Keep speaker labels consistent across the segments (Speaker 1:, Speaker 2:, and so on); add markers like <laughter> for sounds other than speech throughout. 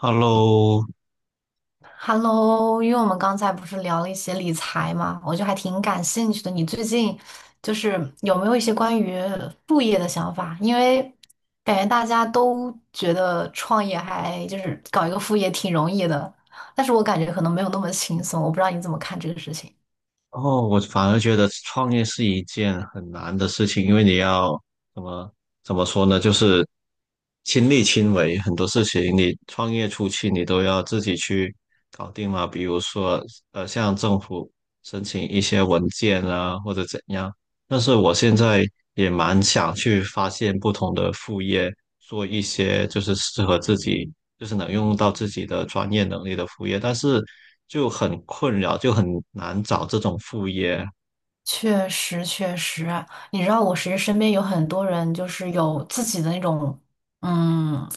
Speaker 1: Hello，
Speaker 2: Hello，因为我们刚才不是聊了一些理财嘛，我就还挺感兴趣的。你最近就是有没有一些关于副业的想法？因为感觉大家都觉得创业还就是搞一个副业挺容易的，但是我感觉可能没有那么轻松。我不知道你怎么看这个事情。
Speaker 1: 哦，我反而觉得创业是一件很难的事情，因为你要怎么怎么说呢，就是亲力亲为，很多事情你创业初期你都要自己去搞定嘛，比如说向政府申请一些文件啊，或者怎样。但是我现在也蛮想去发现不同的副业，做一些就是适合自己就是能用到自己的专业能力的副业，但是就很困扰，就很难找这种副业。
Speaker 2: 确实，确实，你知道，我其实身边有很多人，就是有自己的那种，嗯，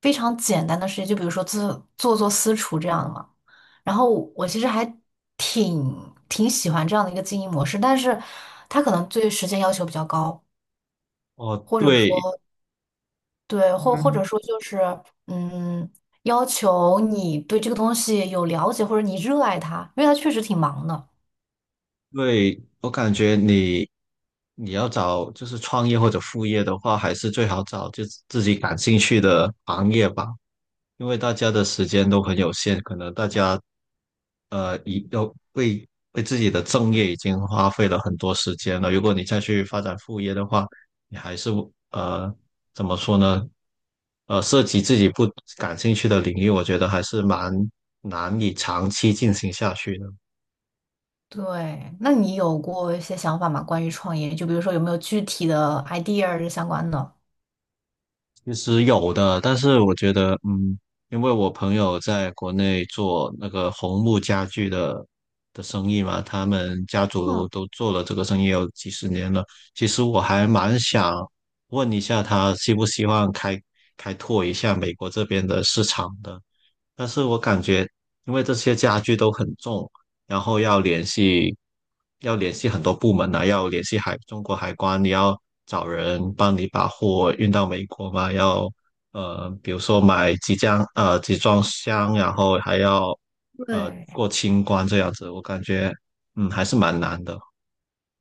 Speaker 2: 非常简单的事情，就比如说做私厨这样的嘛。然后我其实还挺喜欢这样的一个经营模式，但是他可能对时间要求比较高，
Speaker 1: 哦，
Speaker 2: 或者
Speaker 1: 对
Speaker 2: 说对，或者说就是，嗯，要求你对这个东西有了解，或者你热爱它，因为它确实挺忙的。
Speaker 1: 对，我感觉你要找就是创业或者副业的话，还是最好找就自己感兴趣的行业吧。因为大家的时间都很有限，可能大家呃已要为为自己的正业已经花费了很多时间了。如果你再去发展副业的话，你还是呃怎么说呢？涉及自己不感兴趣的领域，我觉得还是蛮难以长期进行下去的。
Speaker 2: 对，那你有过一些想法吗？关于创业，就比如说有没有具体的 idea 是相关的？
Speaker 1: 其实有的，但是我觉得，嗯，因为我朋友在国内做那个红木家具的生意嘛，他们家
Speaker 2: 嗯，
Speaker 1: 族都做了这个生意有几十年了。其实我还蛮想问一下他，希不希望开拓一下美国这边的市场的，但是我感觉，因为这些家具都很重，然后要联系很多部门啊，要联系中国海关，你要找人帮你把货运到美国嘛，要比如说买几箱集装箱，然后还要
Speaker 2: 对，
Speaker 1: 过清关这样子，我感觉还是蛮难的，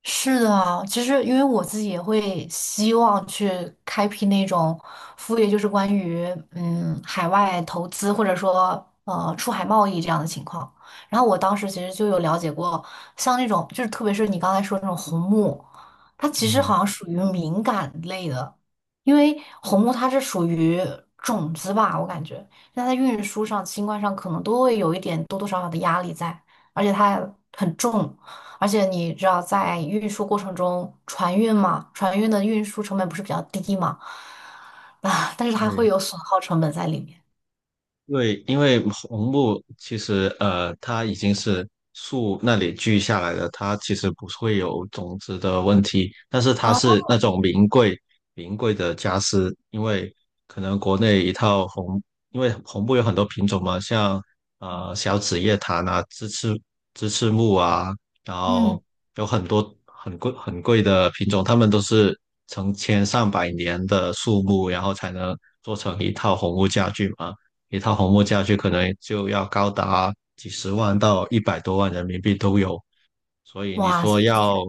Speaker 2: 是的啊，其实因为我自己也会希望去开辟那种副业，就是关于海外投资或者说出海贸易这样的情况。然后我当时其实就有了解过，像那种就是特别是你刚才说那种红木，它其实
Speaker 1: 嗯，
Speaker 2: 好像属于敏感类的，因为红木它是属于种子吧，我感觉那在运输上、清关上可能都会有一点多多少少的压力在，而且它很重。而且你知道，在运输过程中，船运嘛，船运的运输成本不是比较低嘛？<laughs> 啊，但是它会
Speaker 1: 对。
Speaker 2: 有损耗成本在里面。
Speaker 1: 对，因为红木其实它已经是树那里锯下来的，它其实不会有种子的问题，但是它
Speaker 2: 哦，
Speaker 1: 是那种名贵的家私，因为可能国内一套红，因为红木有很多品种嘛，像小紫叶檀啊、鸡翅木啊，然
Speaker 2: 嗯，
Speaker 1: 后有很多很贵很贵的品种，它们都是成千上百年的树木，然后才能做成一套红木家具嘛。一套红木家具可能就要高达几十万到一百多万人民币都有。所以你
Speaker 2: 哇
Speaker 1: 说
Speaker 2: 塞，
Speaker 1: 要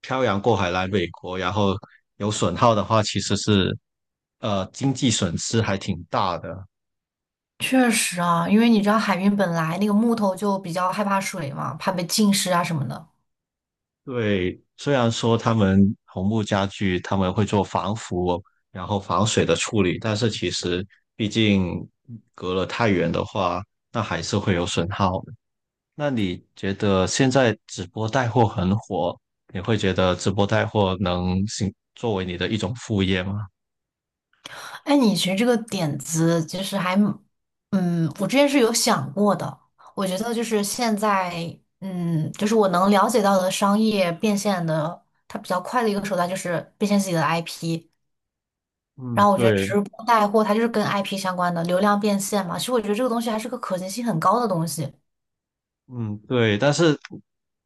Speaker 1: 漂洋过海来美国，然后有损耗的话，其实是经济损失还挺大的。
Speaker 2: 确实啊，因为你知道海运本来那个木头就比较害怕水嘛，怕被浸湿啊什么的。
Speaker 1: 对，虽然说他们红木家具他们会做防腐，然后防水的处理，但是其实毕竟隔了太远的话，那还是会有损耗。那你觉得现在直播带货很火，你会觉得直播带货能行作为你的一种副业吗？
Speaker 2: 哎，你其实这个点子其实还蛮我之前是有想过的。我觉得就是现在，就是我能了解到的商业变现的，它比较快的一个手段就是变现自己的 IP。然
Speaker 1: 嗯，
Speaker 2: 后我觉得
Speaker 1: 对，
Speaker 2: 直播带货它就是跟 IP 相关的流量变现嘛，其实我觉得这个东西还是个可行性很高的东西。
Speaker 1: 嗯，对，但是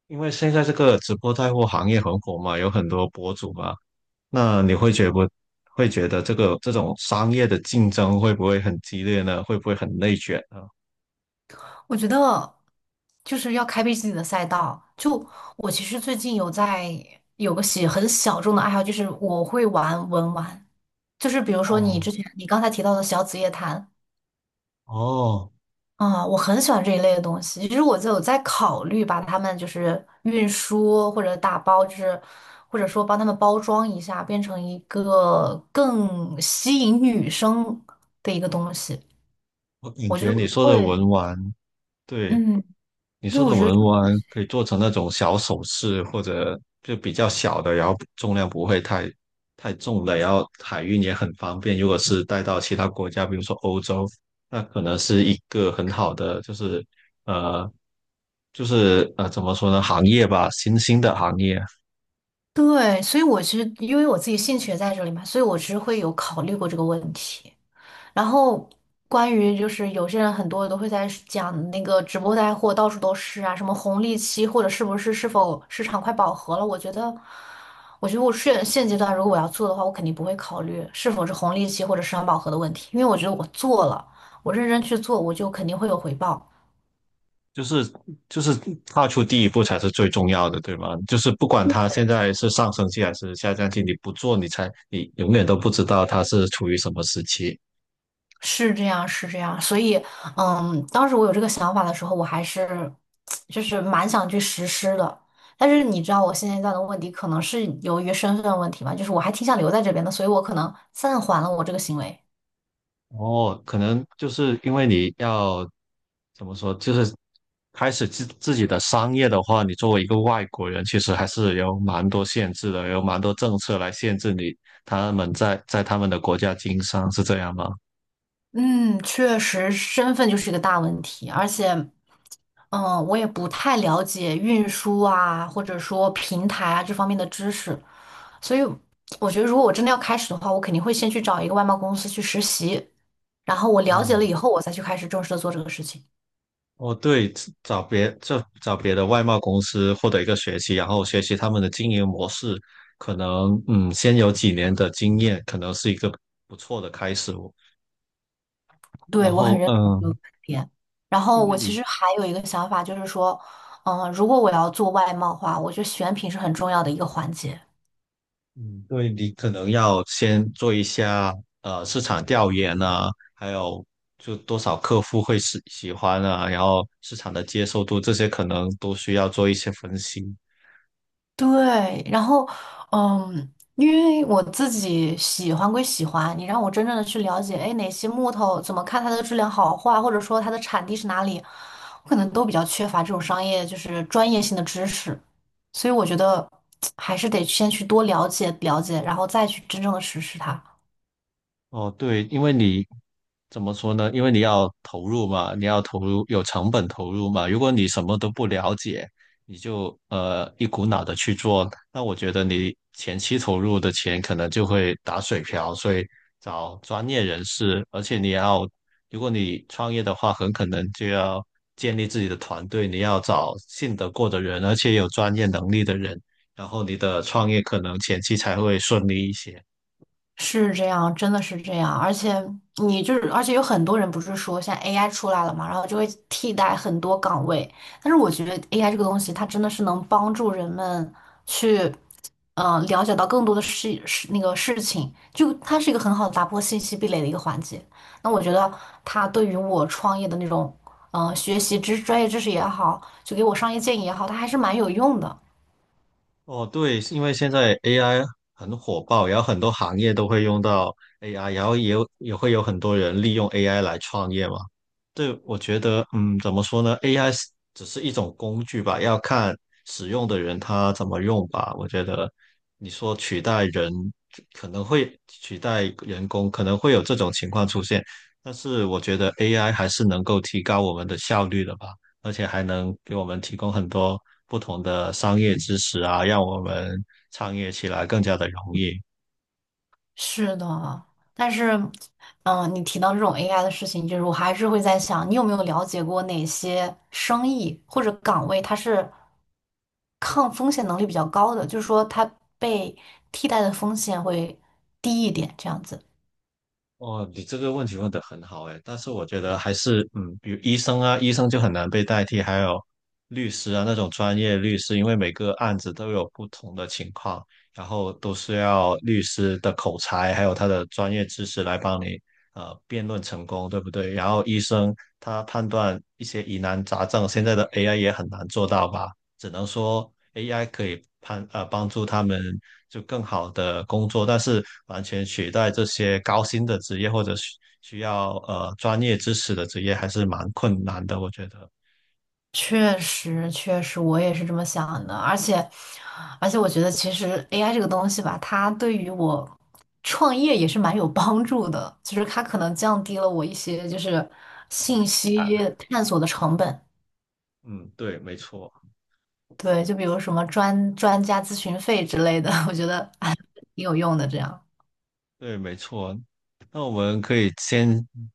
Speaker 1: 因为现在这个直播带货行业很火嘛，有很多博主嘛，那你不会觉得这个这种商业的竞争会不会很激烈呢？会不会很内卷呢？
Speaker 2: 我觉得就是要开辟自己的赛道。就我其实最近有个很小众的爱好，就是我会玩文玩，就是比如说你
Speaker 1: 哦
Speaker 2: 之前你刚才提到的小紫夜谭，
Speaker 1: 哦，
Speaker 2: 啊，我很喜欢这一类的东西。其实我就有在考虑把它们就是运输或者打包，就是或者说帮他们包装一下，变成一个更吸引女生的一个东西。
Speaker 1: 我感
Speaker 2: 我就
Speaker 1: 觉你说的
Speaker 2: 会，
Speaker 1: 文玩，对，
Speaker 2: 嗯，
Speaker 1: 你
Speaker 2: 对，
Speaker 1: 说
Speaker 2: 我
Speaker 1: 的
Speaker 2: 觉得
Speaker 1: 文玩可以做成那种小首饰，或者就比较小的，然后重量不会太重的，然后海运也很方便。如果是带到其他国家，比如说欧洲，那可能是一个很好的，呃，怎么说呢，行业吧，新兴的行业，
Speaker 2: 对，所以我其实因为我自己兴趣也在这里嘛，所以我其实会有考虑过这个问题。然后关于就是有些人很多都会在讲那个直播带货到处都是啊，什么红利期或者是否市场快饱和了？我觉得，我觉得我现阶段如果我要做的话，我肯定不会考虑是否是红利期或者市场饱和的问题，因为我觉得我做了，我认真去做，我就肯定会有回报。
Speaker 1: 就是就是踏出第一步才是最重要的，对吗？就是不管它现在是上升期还是下降期，你不做，你才你永远都不知道它是处于什么时期。
Speaker 2: 是这样，是这样，所以，当时我有这个想法的时候，我还是就是蛮想去实施的。但是你知道，我现阶段的问题可能是由于身份问题嘛，就是我还挺想留在这边的，所以我可能暂缓了我这个行为。
Speaker 1: 哦，可能就是因为你要怎么说，就是开始自己的商业的话，你作为一个外国人，其实还是有蛮多限制的，有蛮多政策来限制他们在他们的国家经商，是这样吗？
Speaker 2: 嗯，确实，身份就是一个大问题，而且。我也不太了解运输啊，或者说平台啊这方面的知识，所以我觉得如果我真的要开始的话，我肯定会先去找一个外贸公司去实习，然后我了解了
Speaker 1: 嗯。
Speaker 2: 以后，我再去开始正式的做这个事情。
Speaker 1: 哦，对，找别就找别的外贸公司获得一个学习，然后学习他们的经营模式，可能先有几年的经验，可能是一个不错的开始哦。然
Speaker 2: 对，我很
Speaker 1: 后
Speaker 2: 认同这个观点。然
Speaker 1: 因
Speaker 2: 后
Speaker 1: 为
Speaker 2: 我其
Speaker 1: 你。
Speaker 2: 实还有一个想法，就是说，如果我要做外贸的话，我觉得选品是很重要的一个环节。
Speaker 1: 嗯，对，你可能要先做一下市场调研啊，还有就多少客户会喜欢啊，然后市场的接受度这些可能都需要做一些分析。
Speaker 2: 对，然后，因为我自己喜欢归喜欢，你让我真正的去了解，哎，哪些木头怎么看它的质量好坏，或者说它的产地是哪里，我可能都比较缺乏这种商业就是专业性的知识，所以我觉得 <tsk> 还是得先去多了解了解，然后再去真正的实施它。
Speaker 1: 哦，对，因为你怎么说呢？因为你要投入嘛，你要投入有成本投入嘛。如果你什么都不了解，你就一股脑的去做，那我觉得你前期投入的钱可能就会打水漂。所以找专业人士，而且你要，如果你创业的话，很可能就要建立自己的团队，你要找信得过的人，而且有专业能力的人，然后你的创业可能前期才会顺利一些。
Speaker 2: 是这样，真的是这样，而且你就是，而且有很多人不是说现在 AI 出来了嘛，然后就会替代很多岗位，但是我觉得 AI 这个东西，它真的是能帮助人们去，嗯、了解到更多的那个事情，就它是一个很好的打破信息壁垒的一个环节。那我觉得它对于我创业的那种，嗯、学习专业知识也好，就给我商业建议也好，它还是蛮有用的。
Speaker 1: 哦，对，是因为现在 AI 很火爆，然后很多行业都会用到 AI，然后也有也会有很多人利用 AI 来创业嘛。对，我觉得，嗯，怎么说呢？AI 只是一种工具吧，要看使用的人他怎么用吧。我觉得你说取代人可能会取代人工，可能会有这种情况出现，但是我觉得 AI 还是能够提高我们的效率的吧。而且还能给我们提供很多不同的商业知识啊，让我们创业起来更加的容易。
Speaker 2: 是的，但是，你提到这种 AI 的事情，就是我还是会在想，你有没有了解过哪些生意或者岗位，它是抗风险能力比较高的，就是说它被替代的风险会低一点，这样子。
Speaker 1: 哦，你这个问题问得很好诶，但是我觉得还是，嗯，比如医生啊，医生就很难被代替，还有律师啊那种专业律师，因为每个案子都有不同的情况，然后都是要律师的口才还有他的专业知识来帮你辩论成功，对不对？然后医生他判断一些疑难杂症，现在的 AI 也很难做到吧？只能说 AI 可以帮助他们就更好的工作，但是完全取代这些高薪的职业或者需要专业知识的职业还是蛮困难的，我觉得。
Speaker 2: 确实，确实，我也是这么想的。而且，而且，我觉得其实 AI 这个东西吧，它对于我创业也是蛮有帮助的，就是它可能降低了我一些就是信息探索的成本。
Speaker 1: 嗯，对，没错，
Speaker 2: 对，就比如什么专家咨询费之类的，<laughs> 我觉得啊挺有用的。这样，
Speaker 1: 对，没错。那我们可以先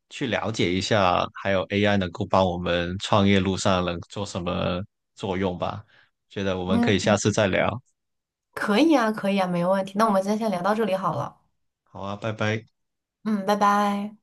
Speaker 1: 去了解一下，还有 AI 能够帮我们创业路上能做什么作用吧？觉得我们可
Speaker 2: 嗯，
Speaker 1: 以下次再聊。
Speaker 2: 可以啊，可以啊，没问题。那我们今天先聊到这里好了。
Speaker 1: 好啊，拜拜。
Speaker 2: 嗯，拜拜。